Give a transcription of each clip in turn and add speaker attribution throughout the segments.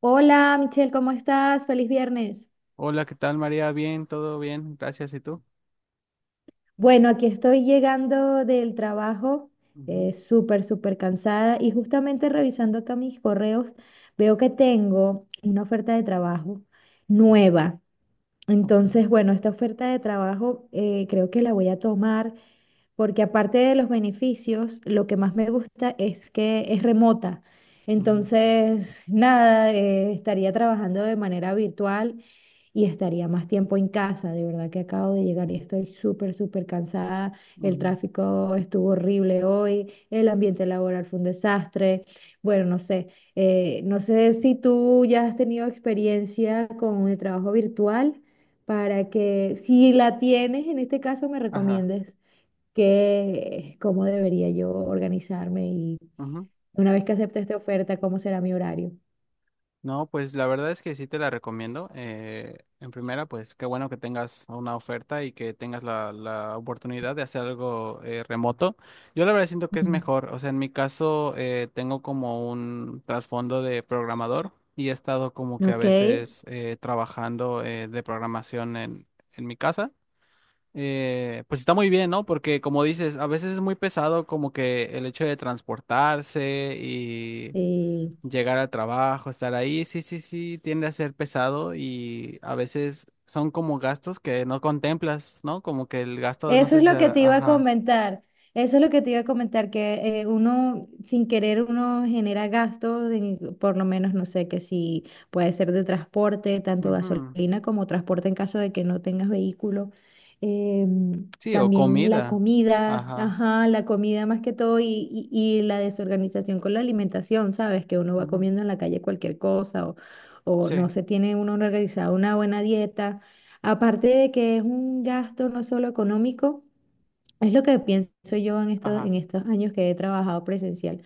Speaker 1: Hola Michelle, ¿cómo estás? Feliz viernes.
Speaker 2: Hola, ¿qué tal, María? Bien, todo bien, gracias. ¿Y tú?
Speaker 1: Bueno, aquí estoy llegando del trabajo,
Speaker 2: Ujú,
Speaker 1: súper, súper cansada y justamente revisando acá mis correos, veo que tengo una oferta de trabajo
Speaker 2: ujú,
Speaker 1: nueva.
Speaker 2: ok,
Speaker 1: Entonces, bueno, esta oferta de trabajo creo que la voy a tomar porque aparte de los beneficios, lo que más me gusta es que es remota.
Speaker 2: ujú,
Speaker 1: Entonces, nada, estaría trabajando de manera virtual y estaría más tiempo en casa. De verdad que acabo de llegar y estoy súper, súper cansada. El
Speaker 2: ujú,
Speaker 1: tráfico estuvo horrible hoy, el ambiente laboral fue un desastre. Bueno, no sé, no sé si tú ya has tenido experiencia con el trabajo virtual para que, si la tienes, en este caso me
Speaker 2: ajá,
Speaker 1: recomiendes que cómo debería yo organizarme y
Speaker 2: ujú.
Speaker 1: una vez que acepte esta oferta, cómo será mi horario.
Speaker 2: No, pues la verdad es que sí te la recomiendo. En primera, pues qué bueno que tengas una oferta y que tengas la oportunidad de hacer algo remoto. Yo la verdad siento que es
Speaker 1: Mm.
Speaker 2: mejor. O sea, en mi caso tengo como un trasfondo de programador y he estado como que a
Speaker 1: Ok.
Speaker 2: veces trabajando de programación en mi casa. Pues está muy bien, ¿no? Porque como dices, a veces es muy pesado como que el hecho de transportarse y
Speaker 1: eh,
Speaker 2: llegar al trabajo, estar ahí, sí, sí, sí, tiende a ser pesado y a veces son como gastos que no contemplas, ¿no? Como que el gasto de, no
Speaker 1: Eso
Speaker 2: sé
Speaker 1: es
Speaker 2: si,
Speaker 1: lo que te iba a
Speaker 2: ajá,
Speaker 1: comentar. Eso es lo que te iba a comentar, que uno sin querer uno genera gastos, por lo menos no sé, que si puede ser de transporte, tanto
Speaker 2: ujú,
Speaker 1: gasolina como transporte en caso de que no tengas vehículo.
Speaker 2: sí, o
Speaker 1: También la
Speaker 2: comida,
Speaker 1: comida,
Speaker 2: ajá,
Speaker 1: ajá, la comida más que todo y la desorganización con la alimentación, ¿sabes? Que uno va
Speaker 2: ujú,
Speaker 1: comiendo en la calle cualquier cosa o
Speaker 2: sí,
Speaker 1: no se tiene uno organizado una buena dieta. Aparte de que es un gasto no solo económico, es lo que pienso yo en en
Speaker 2: ajá,
Speaker 1: estos años que he trabajado presencial.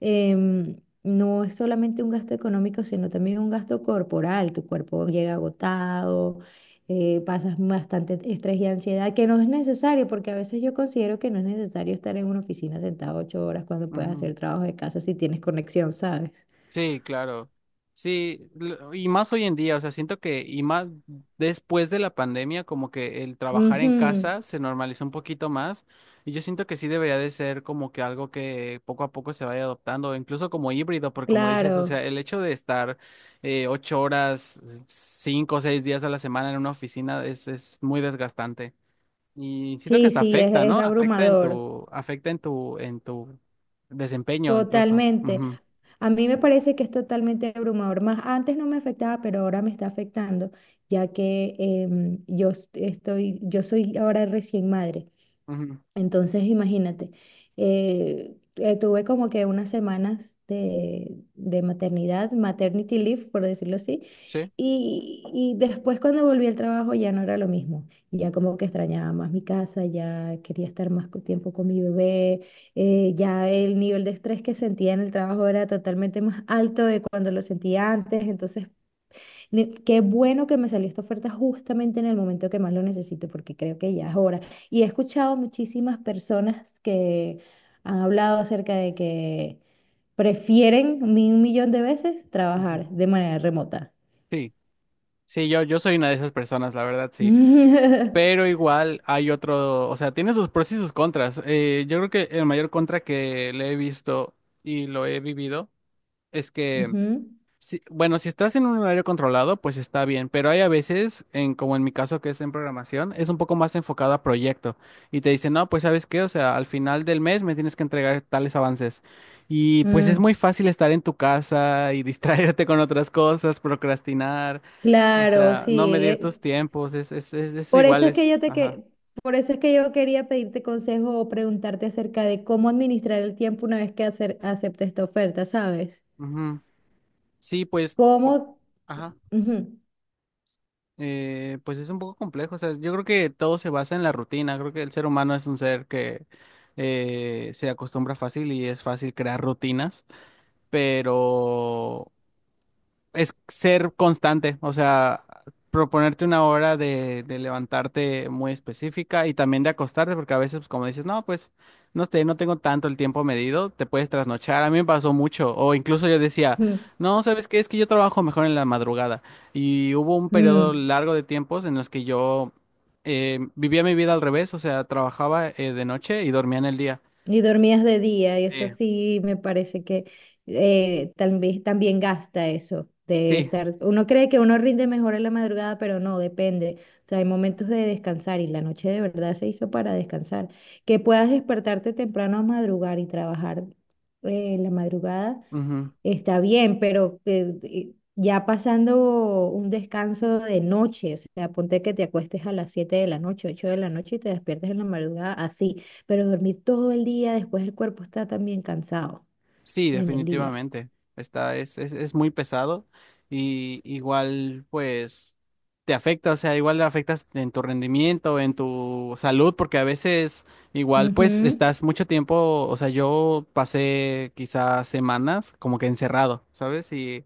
Speaker 1: Em, no es solamente un gasto económico, sino también un gasto corporal. Tu cuerpo llega agotado, pasas bastante estrés y ansiedad, que no es necesario, porque a veces yo considero que no es necesario estar en una oficina sentado 8 horas cuando puedes
Speaker 2: ujú.
Speaker 1: hacer trabajo de casa si tienes conexión, ¿sabes?
Speaker 2: Sí, claro. Sí, y más hoy en día, o sea, siento que, y más después de la pandemia, como que el trabajar en
Speaker 1: Ujú,
Speaker 2: casa se normalizó un poquito más, y yo siento que sí debería de ser como que algo que poco a poco se vaya adoptando, incluso como híbrido, porque como dices, o
Speaker 1: claro,
Speaker 2: sea, el hecho de estar ocho horas, cinco o seis días a la semana en una oficina es muy desgastante. Y siento que
Speaker 1: sí,
Speaker 2: hasta
Speaker 1: sí,
Speaker 2: afecta,
Speaker 1: es
Speaker 2: ¿no?
Speaker 1: abrumador,
Speaker 2: Afecta en tu desempeño incluso.
Speaker 1: totalmente.
Speaker 2: Ujú,
Speaker 1: A mí me parece que es totalmente abrumador. Más antes no me afectaba, pero ahora me está afectando, ya que estoy, yo soy ahora recién madre.
Speaker 2: ujú.
Speaker 1: Entonces, imagínate, tuve como que unas semanas de maternidad, maternity leave, por decirlo así,
Speaker 2: Sí.
Speaker 1: y después cuando volví al trabajo ya no era lo mismo, ya como que extrañaba más mi casa, ya quería estar más tiempo con mi bebé, ya el nivel de estrés que sentía en el trabajo era totalmente más alto de cuando lo sentía antes, entonces qué bueno que me salió esta oferta justamente en el momento que más lo necesito, porque creo que ya es hora. Y he escuchado muchísimas personas que han hablado acerca de que prefieren 1 millón de veces
Speaker 2: Ujú.
Speaker 1: trabajar de manera remota.
Speaker 2: Sí, sí, yo soy una de esas personas, la verdad, sí. Pero igual hay otro, o sea, tiene sus pros y sus contras. Yo creo que el mayor contra que le he visto y lo he vivido es que,
Speaker 1: Ujú.
Speaker 2: bueno, si estás en un horario controlado, pues está bien, pero hay a veces, en, como en mi caso que es en programación, es un poco más enfocado a proyecto y te dicen, no, pues sabes qué, o sea, al final del mes me tienes que entregar tales avances. Y pues es
Speaker 1: Mm,
Speaker 2: muy fácil estar en tu casa y distraerte con otras cosas, procrastinar. O
Speaker 1: claro,
Speaker 2: sea,
Speaker 1: sí.
Speaker 2: no medir tus tiempos, es
Speaker 1: Por eso es que
Speaker 2: iguales. Ajá.
Speaker 1: por eso es que yo quería pedirte consejo o preguntarte acerca de cómo administrar el tiempo una vez que acepte esta oferta, ¿sabes?
Speaker 2: Ujú. Sí, pues,
Speaker 1: ¿Cómo?
Speaker 2: ajá.
Speaker 1: Ujú,
Speaker 2: Pues es un poco complejo. O sea, yo creo que todo se basa en la rutina. Creo que el ser humano es un ser que se acostumbra fácil y es fácil crear rutinas. Pero es ser constante, o sea, proponerte una hora de levantarte muy específica y también de acostarte, porque a veces, pues, como dices, no, pues, no sé, no tengo tanto el tiempo medido, te puedes trasnochar, a mí me pasó mucho, o incluso yo decía,
Speaker 1: ujú,
Speaker 2: no, ¿sabes qué? Es que yo trabajo mejor en la madrugada, y hubo un periodo
Speaker 1: mm.
Speaker 2: largo de tiempos en los que yo vivía mi vida al revés, o sea, trabajaba de noche y dormía en el día.
Speaker 1: Y dormías de día, y eso
Speaker 2: Sí.
Speaker 1: sí me parece que también, también gasta eso de
Speaker 2: Sí.
Speaker 1: estar. Uno cree que uno rinde mejor en la madrugada, pero no, depende. O sea, hay momentos de descansar y la noche de verdad se hizo para descansar. Que puedas despertarte temprano a madrugar y trabajar en la madrugada.
Speaker 2: Ujú.
Speaker 1: Está bien, pero ya pasando un descanso de noche, o sea, ponte que te acuestes a las 7 de la noche, 8 de la noche y te despiertes en la madrugada así, pero dormir todo el día, después el cuerpo está también cansado
Speaker 2: Sí,
Speaker 1: en el día.
Speaker 2: definitivamente. Está, es muy pesado y igual pues te afecta, o sea, igual afectas en tu rendimiento, en tu salud, porque a veces igual pues estás mucho tiempo, o sea, yo pasé quizás semanas como que encerrado, ¿sabes?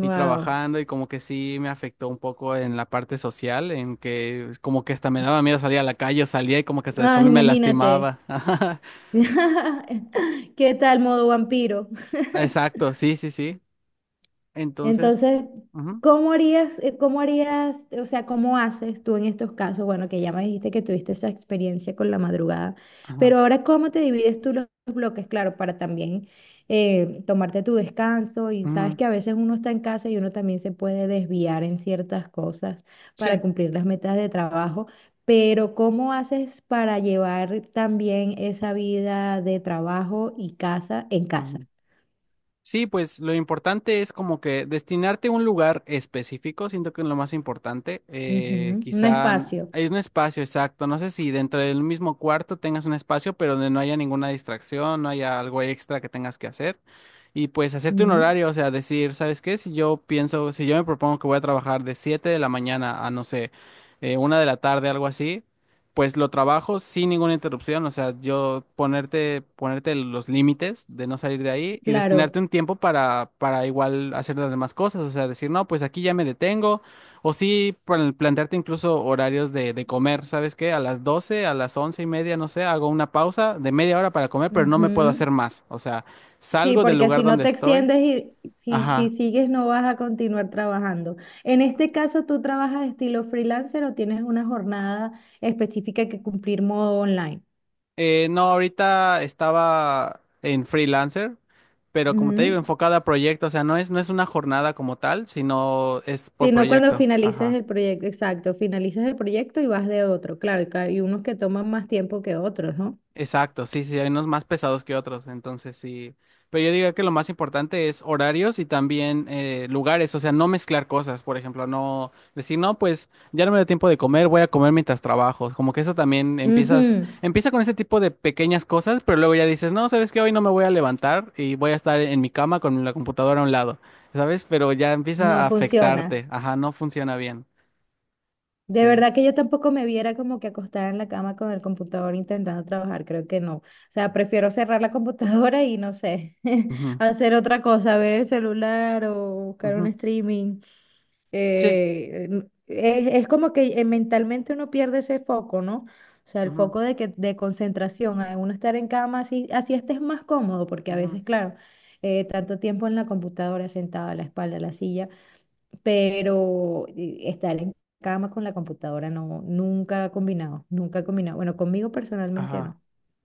Speaker 2: Y trabajando y como que sí me afectó un poco en la parte social, en que como que hasta me daba miedo salir a la calle, o salía y como que hasta el
Speaker 1: Ah,
Speaker 2: sol me
Speaker 1: imagínate.
Speaker 2: lastimaba.
Speaker 1: ¿Qué tal modo vampiro?
Speaker 2: Exacto, sí, sí, sí. Entonces...
Speaker 1: Entonces,
Speaker 2: ujú.
Speaker 1: ¿cómo harías, o sea, cómo haces tú en estos casos? Bueno, que ya me dijiste que tuviste esa experiencia con la madrugada,
Speaker 2: Ajá.
Speaker 1: pero ahora, ¿cómo te divides tú los bloques? Claro, para también tomarte tu descanso y sabes
Speaker 2: Ujú.
Speaker 1: que a veces uno está en casa y uno también se puede desviar en ciertas cosas para
Speaker 2: Sí.
Speaker 1: cumplir las metas de trabajo. Pero ¿cómo haces para llevar también esa vida de trabajo y casa en casa?
Speaker 2: Ujú. Sí, pues lo importante es como que destinarte a un lugar específico, siento que es lo más importante.
Speaker 1: Ujú, un
Speaker 2: Quizá
Speaker 1: espacio.
Speaker 2: hay un espacio exacto, no sé si dentro del mismo cuarto tengas un espacio, pero donde no haya ninguna distracción, no haya algo extra que tengas que hacer. Y pues hacerte un horario, o sea, decir, ¿sabes qué? Si yo pienso, si yo me propongo que voy a trabajar de 7 de la mañana a, no sé, 1 de la tarde, algo así. Pues lo trabajo sin ninguna interrupción, o sea, yo ponerte, ponerte los límites de no salir de ahí y
Speaker 1: Claro.
Speaker 2: destinarte un tiempo para igual hacer las demás cosas, o sea, decir, no, pues aquí ya me detengo, o sí, plantearte incluso horarios de comer, ¿sabes qué? A las 12, a las once y media, no sé, hago una pausa de media hora para comer, pero no me puedo
Speaker 1: Ujú.
Speaker 2: hacer más, o sea,
Speaker 1: Sí,
Speaker 2: salgo del
Speaker 1: porque
Speaker 2: lugar
Speaker 1: si no
Speaker 2: donde
Speaker 1: te
Speaker 2: estoy,
Speaker 1: extiendes y si
Speaker 2: ajá,
Speaker 1: sigues no vas a continuar trabajando. En este caso, ¿tú trabajas estilo freelancer o tienes una jornada específica que cumplir modo online?
Speaker 2: No, ahorita estaba en freelancer, pero como te digo,
Speaker 1: Ujú.
Speaker 2: enfocada a proyecto, o sea, no es, no es una jornada como tal, sino es por
Speaker 1: Si no, cuando
Speaker 2: proyecto.
Speaker 1: finalices
Speaker 2: Ajá.
Speaker 1: el proyecto, exacto, finalizas el proyecto y vas de otro. Claro, que hay unos que toman más tiempo que otros, ¿no?
Speaker 2: Exacto, sí, sí, hay unos más pesados que otros, entonces sí. Pero yo diría que lo más importante es horarios y también lugares, o sea, no mezclar cosas, por ejemplo, no decir, no, pues ya no me da tiempo de comer, voy a comer mientras trabajo. Como que eso también empiezas,
Speaker 1: Ujú.
Speaker 2: empieza con ese tipo de pequeñas cosas, pero luego ya dices, no, sabes que hoy no me voy a levantar y voy a estar en mi cama con la computadora a un lado, ¿sabes? Pero ya empieza
Speaker 1: No
Speaker 2: a
Speaker 1: funciona.
Speaker 2: afectarte, ajá, no funciona bien.
Speaker 1: De
Speaker 2: Sí.
Speaker 1: verdad que yo tampoco me viera como que acostada en la cama con el computador intentando trabajar, creo que no. O sea, prefiero cerrar la computadora y no sé,
Speaker 2: Ujú,
Speaker 1: hacer otra cosa, ver el celular o buscar un
Speaker 2: ujú.
Speaker 1: streaming.
Speaker 2: Sí.
Speaker 1: Es como que mentalmente uno pierde ese foco, ¿no? O sea, el
Speaker 2: Ujú,
Speaker 1: foco de concentración, a uno estar en cama así, así estés más cómodo, porque a
Speaker 2: ujú.
Speaker 1: veces, claro, tanto tiempo en la computadora sentada, la espalda, la silla, pero estar en cama con la computadora no, nunca ha combinado, nunca ha combinado. Bueno, conmigo personalmente
Speaker 2: Ajá.
Speaker 1: no.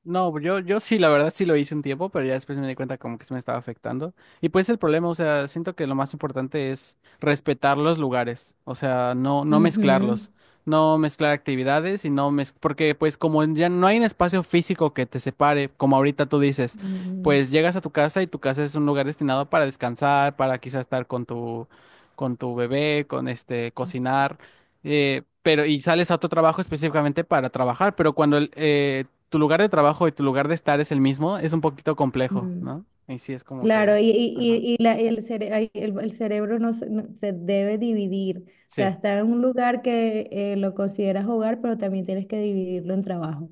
Speaker 2: No, pues, yo sí, la verdad sí lo hice un tiempo, pero ya después me di cuenta como que se me estaba afectando. Y pues el problema, o sea, siento que lo más importante es respetar los lugares, o sea, no, no
Speaker 1: Ujú,
Speaker 2: mezclarlos, no mezclar actividades y no mez... porque pues como ya no hay un espacio físico que te separe, como ahorita tú dices,
Speaker 1: mm,
Speaker 2: pues llegas a tu casa y tu casa es un lugar destinado para descansar, para quizás estar con tu bebé, con este, cocinar. Pero y sales a otro trabajo específicamente para trabajar, pero cuando el, tu lugar de trabajo y tu lugar de estar es el mismo, es un poquito complejo,
Speaker 1: mm.
Speaker 2: ¿no? Y sí, es como que,
Speaker 1: Claro,
Speaker 2: ajá,
Speaker 1: y la- el, cere- ay, el cerebro se debe dividir. O sea,
Speaker 2: sí,
Speaker 1: está en un lugar que lo consideras hogar, pero también tienes que dividirlo en trabajo.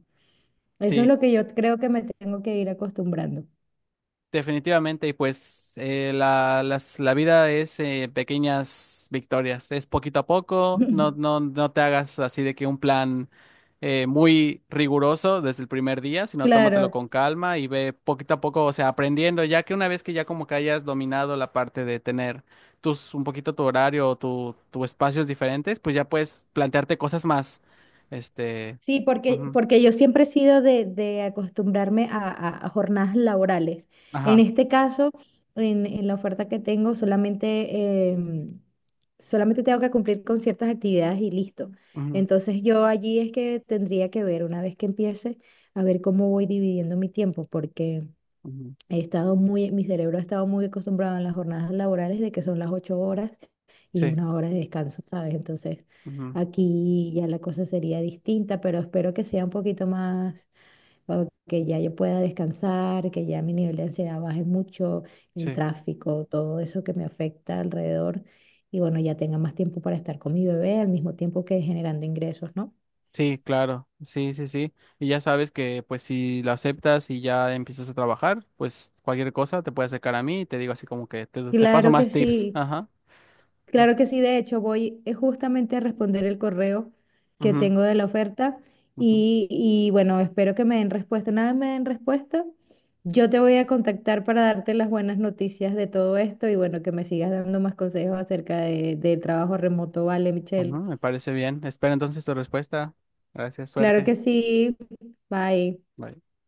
Speaker 1: Eso es
Speaker 2: sí.
Speaker 1: lo que yo creo que me tengo que ir acostumbrando.
Speaker 2: Definitivamente, y pues la, la vida es pequeñas victorias, es poquito a poco, no, no, no te hagas así de que un plan muy riguroso desde el primer día, sino tómatelo
Speaker 1: Claro.
Speaker 2: con calma y ve poquito a poco, o sea, aprendiendo, ya que una vez que ya como que hayas dominado la parte de tener tus, un poquito tu horario o tu espacios diferentes, pues ya puedes plantearte cosas más, este,
Speaker 1: Sí, porque,
Speaker 2: ujú,
Speaker 1: porque yo siempre he sido de acostumbrarme a jornadas laborales. En
Speaker 2: ajá,
Speaker 1: este caso, en la oferta que tengo, solamente, solamente tengo que cumplir con ciertas actividades y listo.
Speaker 2: ujú,
Speaker 1: Entonces yo allí es que tendría que ver, una vez que empiece, a ver cómo voy dividiendo mi tiempo, porque
Speaker 2: ujú,
Speaker 1: he estado muy, mi cerebro ha estado muy acostumbrado en las jornadas laborales de que son las 8 horas y
Speaker 2: sí,
Speaker 1: una hora de descanso, ¿sabes? Entonces,
Speaker 2: ujú,
Speaker 1: aquí ya la cosa sería distinta, pero espero que sea un poquito más, o que ya yo pueda descansar, que ya mi nivel de ansiedad baje mucho, el
Speaker 2: sí.
Speaker 1: tráfico, todo eso que me afecta alrededor, y bueno, ya tenga más tiempo para estar con mi bebé al mismo tiempo que generando ingresos, ¿no?
Speaker 2: Sí, claro, sí, sí, sí. Y ya sabes que pues si lo aceptas y ya empiezas a trabajar, pues cualquier cosa te puede acercar a mí y te digo así como que te paso
Speaker 1: Claro que
Speaker 2: más tips.
Speaker 1: sí.
Speaker 2: Ajá.
Speaker 1: Claro que sí, de hecho, voy justamente a responder el correo que
Speaker 2: Ujú,
Speaker 1: tengo de la oferta
Speaker 2: ujú,
Speaker 1: y, bueno, espero que me den respuesta. Una vez me den respuesta, yo te voy a contactar para darte las buenas noticias de todo esto y bueno, que me sigas dando más consejos acerca de, del trabajo remoto, ¿vale,
Speaker 2: ujú,
Speaker 1: Michelle?
Speaker 2: me parece bien. Espera entonces tu respuesta. Gracias,
Speaker 1: Claro
Speaker 2: suerte.
Speaker 1: que sí, bye.
Speaker 2: Bye.